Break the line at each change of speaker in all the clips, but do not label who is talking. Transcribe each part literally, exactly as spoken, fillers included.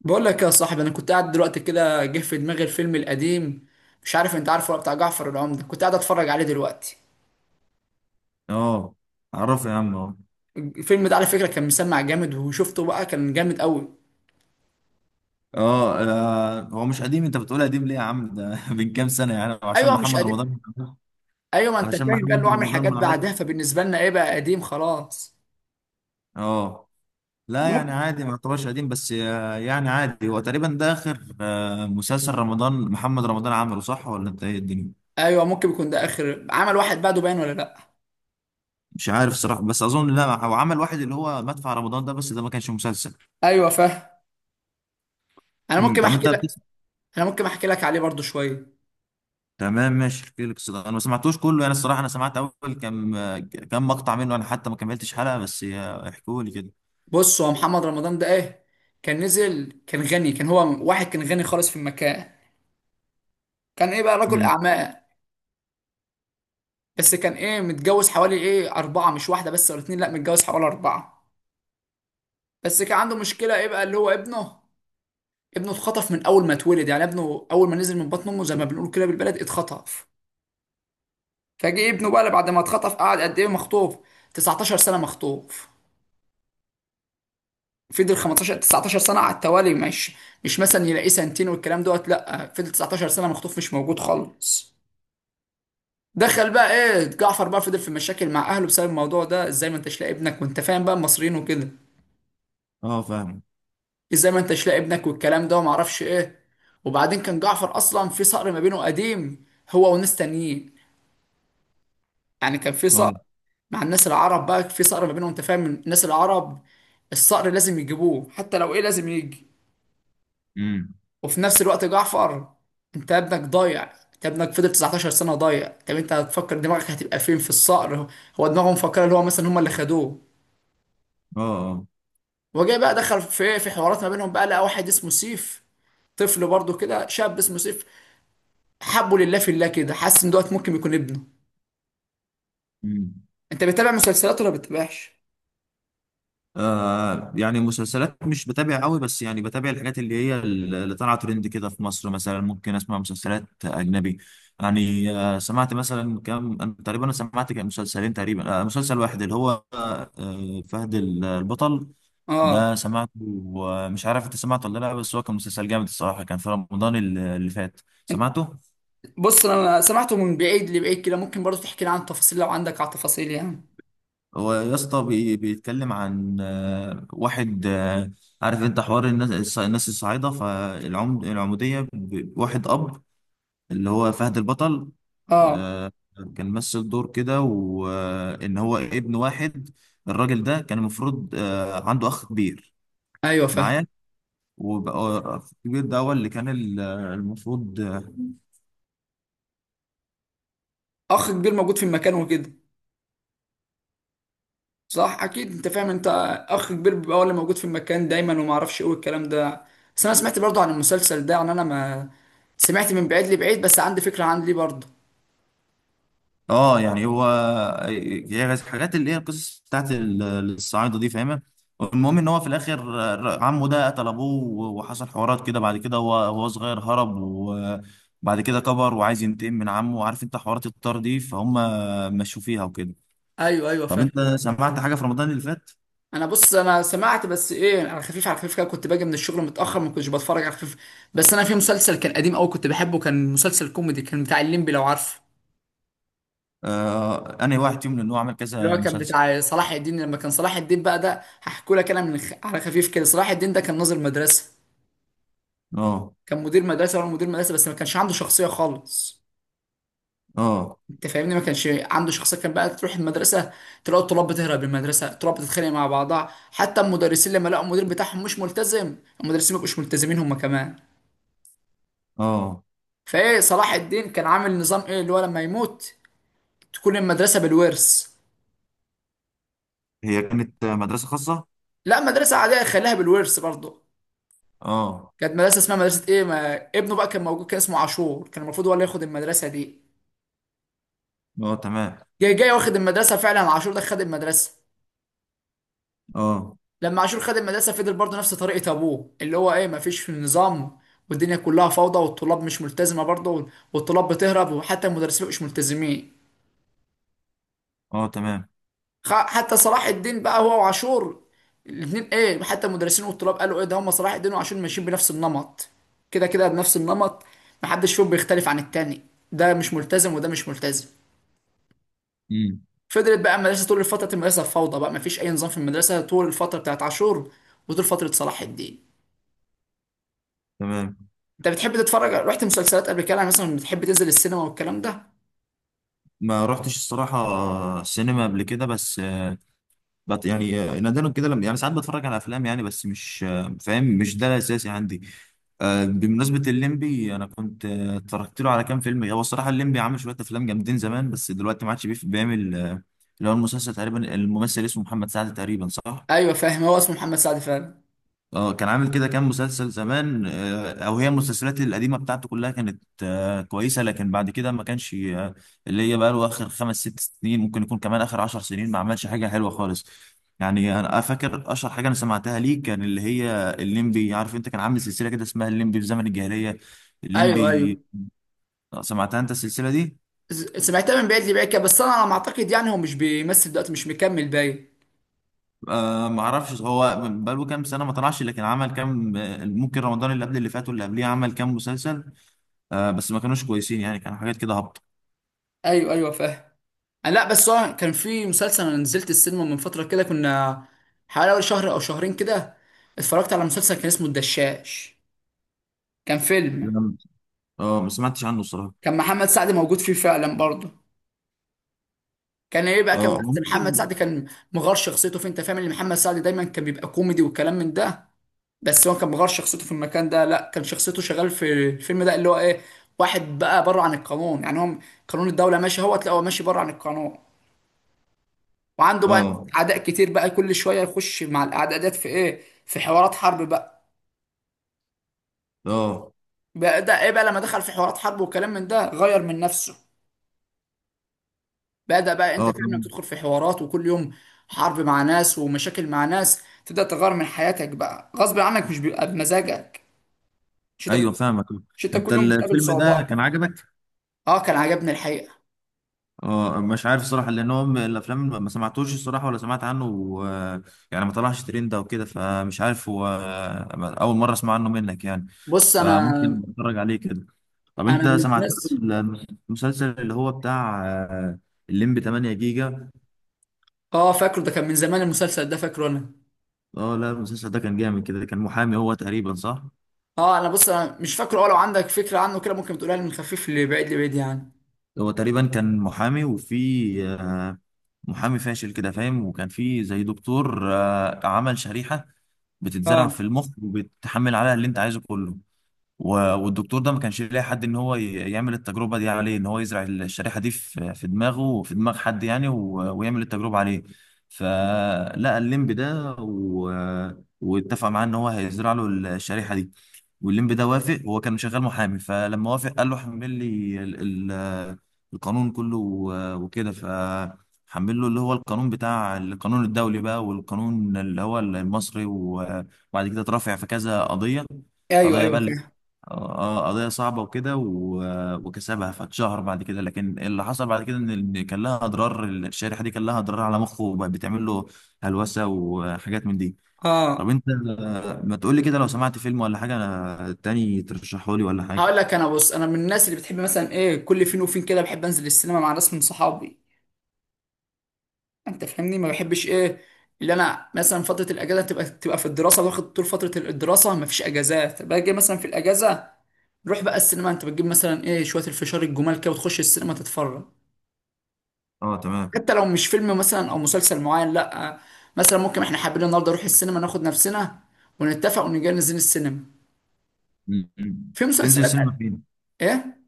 بقول لك يا صاحبي انا كنت قاعد دلوقتي كده جه في دماغي الفيلم القديم. مش عارف انت عارفه ولا بتاع جعفر العمدة، كنت قاعد اتفرج عليه دلوقتي.
اه. اعرفه يا عم اه
الفيلم ده على فكره كان مسمع جامد، وشفته بقى كان جامد قوي.
اه. آه، هو مش قديم، انت بتقول قديم ليه يا عم؟ ده من كام سنه يعني عشان
ايوه مش
محمد
قديم.
رمضان.
ايوه، ما انت
علشان
فاهم بقى اللي هو
محمد
عامل
رمضان
حاجات
ما عملش.
بعدها، فبالنسبه لنا ايه بقى قديم خلاص.
اه.
أنا
لا يعني
ممكن...
عادي ما يعتبرش قديم بس آه، يعني عادي، هو تقريبا ده اخر آه، مسلسل رمضان محمد رمضان عمله، صح ولا انت ايه الدنيا؟
ايوه ممكن يكون ده اخر عمل، واحد بعده باين ولا لا.
مش عارف صراحه، بس اظن لا، هو عمل واحد اللي هو مدفع رمضان ده بس ده ما كانش مسلسل.
ايوه فاهم. انا
مم،
ممكن
طب
احكي
انت.
لك انا ممكن احكي لك عليه برضو شويه.
تمام، ماشي، احكي لك. الصداع انا ما سمعتوش كله يعني، الصراحه انا سمعت اول كام كام مقطع منه، انا حتى ما كملتش حلقه بس احكوا لي كده.
بص، هو محمد رمضان ده ايه، كان نزل، كان غني، كان هو واحد كان غني خالص في المكان. كان ايه بقى رجل
امم.
اعمال. بس كان ايه متجوز حوالي ايه اربعه، مش واحده بس ولا اتنين، لا متجوز حوالي اربعه. بس كان عنده مشكله ايه بقى اللي هو ابنه. ابنه اتخطف من اول ما اتولد، يعني ابنه اول ما نزل من بطن امه زي ما بنقول كده بالبلد اتخطف. فجه ابنه بقى بعد ما اتخطف، قعد قد ايه مخطوف؟ تسعتاشر سنه مخطوف. فضل خمستاشر تسعتاشر سنه على التوالي، مش مش مثلا يلاقيه سنتين والكلام دوت، لا فضل تسعتاشر سنه مخطوف، مش موجود خالص. دخل بقى ايه جعفر، بقى فضل في مشاكل مع اهله بسبب الموضوع ده، ازاي ما انتش لاقي ابنك؟ وانت فاهم بقى المصريين وكده.
اه، فاهم.
ازاي ما انتش لاقي ابنك والكلام ده وما اعرفش ايه. وبعدين كان جعفر اصلا في صقر ما بينه قديم، هو وناس تانيين. يعني كان في
اه.
صقر مع الناس العرب، بقى في صقر ما بينهم، انت فاهم الناس العرب الصقر لازم يجيبوه، حتى لو ايه لازم يجي.
امم.
وفي نفس الوقت جعفر، انت ابنك ضايع، انت ابنك فضل تسعتاشر سنة ضايع، طب انت هتفكر دماغك هتبقى فين في الصقر؟ هو دماغهم مفكرة اللي هو مثلا هم اللي خدوه.
اه. اه.
وجاي بقى دخل في ايه، في حوارات ما بينهم بقى لقى واحد اسمه سيف، طفل برضه كده شاب اسمه سيف. حبه لله في الله كده، حاسس ان دوت ممكن يكون ابنه.
امم.
انت بتتابع مسلسلات ولا بتتابعش؟
آه يعني مسلسلات مش بتابع قوي، بس يعني بتابع الحاجات اللي هي اللي طالعه ترند كده في مصر، مثلا ممكن اسمع مسلسلات اجنبي. يعني آه سمعت مثلا كام، أنا تقريبا انا سمعت كام مسلسلين تقريبا، آه مسلسل واحد اللي هو آه فهد البطل.
اه.
ده سمعته. ومش عارف انت سمعته ولا لا، بس هو كان مسلسل جامد الصراحه، كان في رمضان اللي اللي فات.
انت
سمعته.
بص، انا سمعته من بعيد لبعيد كده، ممكن برضه تحكي لي عن تفاصيل لو عندك على تفاصيل يعني.
هو يا اسطى بي- بيتكلم عن آه، واحد آه، عارف انت حوار الناس الص- الناس الصعايده، فالعمد العموديه ب- واحد اب اللي هو فهد البطل.
اه.
آه، كان مثل دور كده وان هو ابن واحد، الراجل ده كان المفروض آه، عنده اخ كبير
ايوه فاهم.
معايا. وبقى اخ كبير ده هو اللي كان ال- المفروض.
اخ كبير موجود في المكان وكده. صح اكيد انت فاهم انت، اخ كبير بيبقى هو اللي موجود في المكان دايما، وما اعرفش ايه والكلام ده. بس انا سمعت برضه عن المسلسل ده، يعني انا ما سمعت من بعيد لبعيد، بس عندي فكره عن ليه برضه.
اه يعني هو هي الحاجات اللي هي القصص بتاعت ال- الصعايده دي فاهمه. المهم ان هو في الاخر ر- عمه ده قتل ابوه و- وحصل حوارات كده، بعد كده هو هو صغير هرب، وبعد كده كبر وعايز ينتقم من عمه، وعارف انت حوارات الطار دي فهم مشوا فيها وكده.
ايوه ايوه
طب انت
فاهم.
سمعت حاجه في رمضان اللي فات؟
انا بص، انا سمعت، بس ايه على خفيف على خفيف كده، كنت باجي من الشغل متاخر ما كنتش بتفرج، على خفيف. بس انا في مسلسل كان قديم قوي كنت بحبه، كان مسلسل كوميدي، كان بتاع الليمبي لو عارفه.
آه انا واحد فيهم لان هو عمل
اللي هو
كذا
كان
مسلسل.
بتاع صلاح الدين، لما كان صلاح الدين بقى ده هحكوا لك انا من خ... على خفيف كده. صلاح الدين ده كان ناظر مدرسه،
اه.
كان مدير مدرسه ولا مدير مدرسه، بس ما كانش عنده شخصيه خالص.
اه.
انت فاهمني، ما كانش عنده شخصيه، كان بقى تروح المدرسه تلاقي الطلاب بتهرب من المدرسه، الطلاب بتتخانق مع بعضها، حتى المدرسين لما لقوا المدير بتاعهم مش ملتزم، المدرسين ما بقوش ملتزمين هم كمان.
اه.
فايه صلاح الدين كان عامل نظام ايه اللي هو لما يموت تكون المدرسه بالورث.
هي كانت مدرسه خاصه؟
لا مدرسه عاديه، خليها بالورث برضه.
اه.
كانت مدرسه اسمها مدرسه ايه، ما ابنه بقى كان موجود كان اسمه عاشور، كان المفروض هو اللي ياخد المدرسه دي.
اه، تمام.
جاي جاي واخد المدرسه فعلا، عاشور ده خد المدرسه.
اه.
لما عاشور خد المدرسه فضل برضه نفس طريقه ابوه، اللي هو ايه ما فيش في النظام، والدنيا كلها فوضى، والطلاب مش ملتزمه برضه، والطلاب بتهرب، وحتى المدرسين مش ملتزمين.
اه، تمام.
خ- حتى صلاح الدين بقى هو وعاشور، الاثنين ايه، حتى المدرسين والطلاب قالوا ايه ده، هم صلاح الدين وعاشور ماشيين بنفس النمط، كده كده بنفس النمط، محدش فيهم بيختلف عن التاني، ده مش ملتزم وده مش ملتزم.
امم.
فضلت بقى المدرسه طول فتره المدرسه فوضى بقى، مفيش اي نظام في المدرسه طول الفتره بتاعت عاشور، وطول فتره صلاح الدين.
تمام.
انت بتحب تتفرج؟ رحت مسلسلات قبل كده يعني؟ مثلا بتحب تنزل السينما والكلام ده؟
ما رحتش الصراحة سينما قبل كده، بس آه، بط يعني آه، نادرا كده، لما يعني ساعات بتفرج على أفلام يعني، بس مش آه، فاهم، مش ده الأساسي عندي. آه، بمناسبة الليمبي أنا كنت آه، اتفرجت له على كام فيلم، هو الصراحة الليمبي عامل شوية أفلام جامدين زمان، بس دلوقتي ما عادش بيف- بيعمل آه، اللي هو المسلسل تقريبا، الممثل اسمه محمد سعد تقريبا، صح؟
ايوه فاهم، هو اسمه محمد سعد فعلا.
اه، كان عامل كده كام مسلسل زمان آه، او هي المسلسلات القديمه بتاعته كلها كانت آه، كويسه، لكن بعد كده ما كانش آه، اللي هي بقى له اخر خمس ست سنين، ممكن يكون كمان اخر عشر سنين ما عملش حاجه حلوه خالص. يعني انا فاكر اشهر حاجه انا سمعتها ليه كان اللي هي الليمبي، عارف انت كان عامل سلسله كده اسمها الليمبي في زمن الجاهليه.
ايوه ايوه.
الليمبي. آه، سمعتها انت السلسله دي؟
ز- سمعتها من بعيد لبعيد كده، بس انا على ما اعتقد يعني هو مش بيمثل دلوقتي، مش مكمل باين.
أه ما اعرفش، هو بقاله كام سنه ما طلعش، لكن عمل كام آه، ممكن رمضان اللي قبل اللي فات واللي قبليه عمل كام مسلسل. آه بس ما كانوش كويسين يعني، كانوا حاجات كده هابطه.
ايوه ايوه فاهم. لا بس هو كان في مسلسل، انا نزلت السينما من فتره كده، كنا حوالي أول شهر او شهرين كده اتفرجت على مسلسل كان اسمه الدشاش. كان فيلم،
لم- اه، ما سمعتش عنه الصراحه.
كان محمد سعد موجود فيه فعلا برضه. كان ايه بقى كان،
اه هو
بس محمد
ممكن.
سعد كان مغار شخصيته فيه، انت فاهم ان محمد سعد دايما كان بيبقى كوميدي وكلام من ده، بس هو كان مغار شخصيته في المكان ده، لا كان شخصيته شغال في الفيلم ده اللي هو ايه، واحد بقى بره عن القانون، يعني هو قانون الدوله ماشي، هو تلاقيه هو ماشي بره عن القانون. وعنده بقى ناس
اه.
اعداء كتير بقى، كل شويه يخش مع الاعداء ديت في ايه، في حوارات حرب بقى.
اه،
بدا ايه بقى لما دخل في حوارات حرب والكلام من ده، غير من نفسه. بدا بقى انت
اه
فاهم، لما
فاهم.
تدخل في حوارات وكل يوم حرب مع ناس ومشاكل مع ناس تبدا تغير من حياتك بقى غصب عنك، مش بيبقى بمزاجك. مش انت
ايوه،
بت...
فاهمك.
مش انت
انت
كل يوم بتقابل
الفيلم
صعوبات؟
ده كان عجبك؟
اه كان عجبني الحقيقه.
اه، مش عارف الصراحه لان هو من الافلام ما سمعتوش الصراحه ولا سمعت عنه و، يعني ما طلعش ترند او كده، فمش عارف هو اول مره اسمع عنه منك يعني.
بص انا
فممكن اتفرج عليه كده. طب
انا
انت
من
سمعت له
الناس.
المسلسل اللي هو بتاع آه، الليمبي تمانية جيجا؟
اه فاكره، ده كان من زمان المسلسل ده، فاكره انا.
اه، لا المسلسل ده كان جامد كده، كان محامي هو تقريبا، صح.
اه انا بص، انا مش فاكره، اه لو عندك فكره عنه كده ممكن تقولها لي، من خفيف لبعيد لبعيد يعني.
هو تقريبا كان محامي وفي آه، محامي فاشل كده فاهم، وكان في زي دكتور آه، عمل شريحة بتتزرع
اه.
في المخ وبتحمل عليها اللي انت عايزه كله. و- والدكتور ده ما كانش لاقي حد ان هو ي- يعمل التجربه دي عليه، ان هو يزرع الشريحه دي في في دماغه وفي دماغ حد يعني، و- ويعمل التجربه عليه. فلقى الليمب ده و، واتفق معاه ان هو هيزرع له الشريحه دي. والليمب ده وافق، هو كان شغال محامي، فلما وافق قال له حمل لي ال... ال... القانون كله و- وكده، ف حمل له اللي هو القانون بتاع القانون الدولي بقى والقانون اللي هو المصري و- وبعد كده اترافع في كذا قضية،
ايوه
قضايا
ايوه
بقى.
فاهم.
اه. آه، قضية صعبة وكده، و- وكسبها فاتشهر بعد كده، لكن اللي حصل بعد كده ان ال- كان لها اضرار الشريحة دي، كان لها اضرار على مخه وبقت بتعمل له هلوسة وحاجات من دي. طب
اه.
انت آه، ما تقول لي كده، لو سمعت فيلم ولا حاجة آه، تاني ترشحه لي ولا حاجة؟
هقول لك انا، بص انا من الناس اللي بتحب مثلا ايه كل فين وفين كده، بحب انزل السينما مع ناس من صحابي. انت فاهمني، ما بحبش ايه اللي انا مثلا فتره الاجازه تبقى تبقى في الدراسه، واخد طول فتره الدراسه ما فيش اجازات، باجي مثلا في الاجازه نروح بقى السينما، انت بتجيب مثلا ايه شويه الفشار الجمال كده وتخش السينما تتفرج.
اه، تمام.
حتى لو مش فيلم مثلا او مسلسل معين، لا، مثلا ممكن احنا حابين النهارده نروح السينما، ناخد نفسنا ونتفق ونجي ننزل السينما.
م- م.
في
بتنزل سينما
مسلسلات.
فين؟
ايه.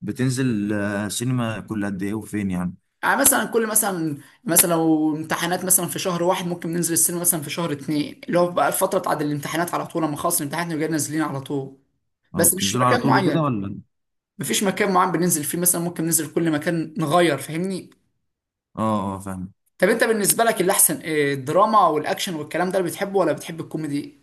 بتنزل آه، سينما كل قد ايه وفين يعني؟
يعني مثلا كل مثلا، مثلا لو امتحانات مثلا في شهر واحد، ممكن ننزل السينما مثلا في شهر اتنين اللي هو بقى الفترة بتاعت الامتحانات، على طول لما خلص الامتحانات نبقى نازلين على طول.
او
بس مش
بتنزلوا على
مكان
طول وكده
معين،
ولا؟
مفيش مكان معين بننزل فيه، مثلا ممكن ننزل كل مكان نغير، فاهمني.
اه، اه، فاهم.
طب انت بالنسبة لك اللي احسن ايه، الدراما والاكشن والكلام ده اللي بتحبه ولا بتحب الكوميدي؟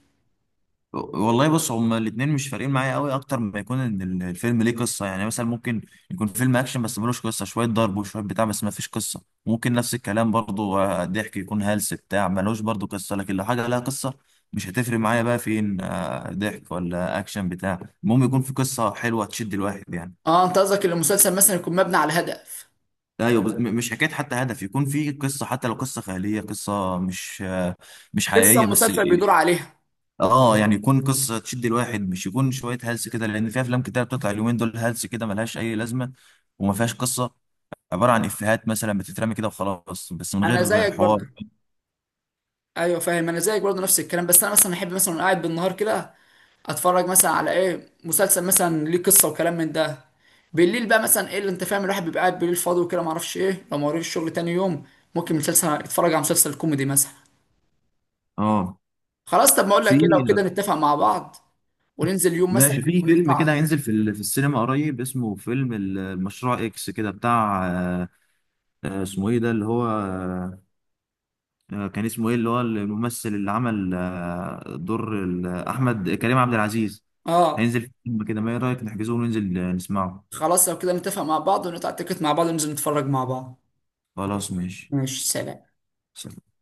والله بص، هما الاتنين مش فارقين معايا قوي، اكتر ما يكون ان ال- الفيلم ليه قصه يعني، مثلا ممكن يكون فيلم اكشن بس ملوش قصه، شويه ضرب وشويه بتاع بس ما فيش قصه. ممكن نفس الكلام برضو آه، ضحك يكون هلس بتاع ملوش برضو قصه، لكن لو حاجه لها قصه مش هتفرق معايا بقى فين آه، ضحك ولا اكشن بتاع، المهم يكون في قصه حلوه تشد الواحد يعني.
اه انت قصدك ان المسلسل مثلا يكون مبني على هدف،
ايوه، بس م- مش حكايه حتى هدف، يكون في قصه، حتى لو قصه خياليه قصه مش آه، مش
قصة
حقيقيه بس.
المسلسل بيدور عليها.
اه، يعني يكون قصه تشد الواحد، مش يكون شويه هلس كده، لان في افلام كتير بتطلع اليومين دول هلس كده ملهاش اي لازمه وما فيهاش قصه. عباره عن افيهات مثلا بتترمي كده وخلاص، بس من
انا
غير
زيك
حوار.
برضه. ايوه فاهم، انا زيك برضه نفس الكلام، بس انا مثلا احب مثلا وأنا قاعد بالنهار كده اتفرج مثلا على ايه مسلسل مثلا ليه قصه وكلام من ده. بالليل بقى مثلا ايه اللي انت فاهم الواحد بيبقى قاعد بالليل فاضي وكده، معرفش ايه، لو ما وريش الشغل تاني يوم ممكن مسلسل، يتفرج على مسلسل كوميدي مثلا.
اه.
خلاص، طب ما اقول لك كده، لو
في
كده نتفق مع بعض وننزل يوم مثلا
ماشي، في فيلم
ونقطع
كده
التيكت.
هينزل في ال- في السينما قريب اسمه فيلم ال- المشروع اكس كده بتاع آه، آه، اسمه ايه ده اللي هو آه، كان اسمه ايه اللي هو الممثل اللي عمل آه، دور ال- احمد كريم عبد العزيز.
اه.
هينزل فيلم كده، ما ايه رايك نحجزه وننزل آه، نسمعه؟
خلاص لو كده نتفق مع بعض ونقطع التيكت مع بعض وننزل نتفرج مع بعض.
خلاص، ماشي،
ماشي سلام.
سلام.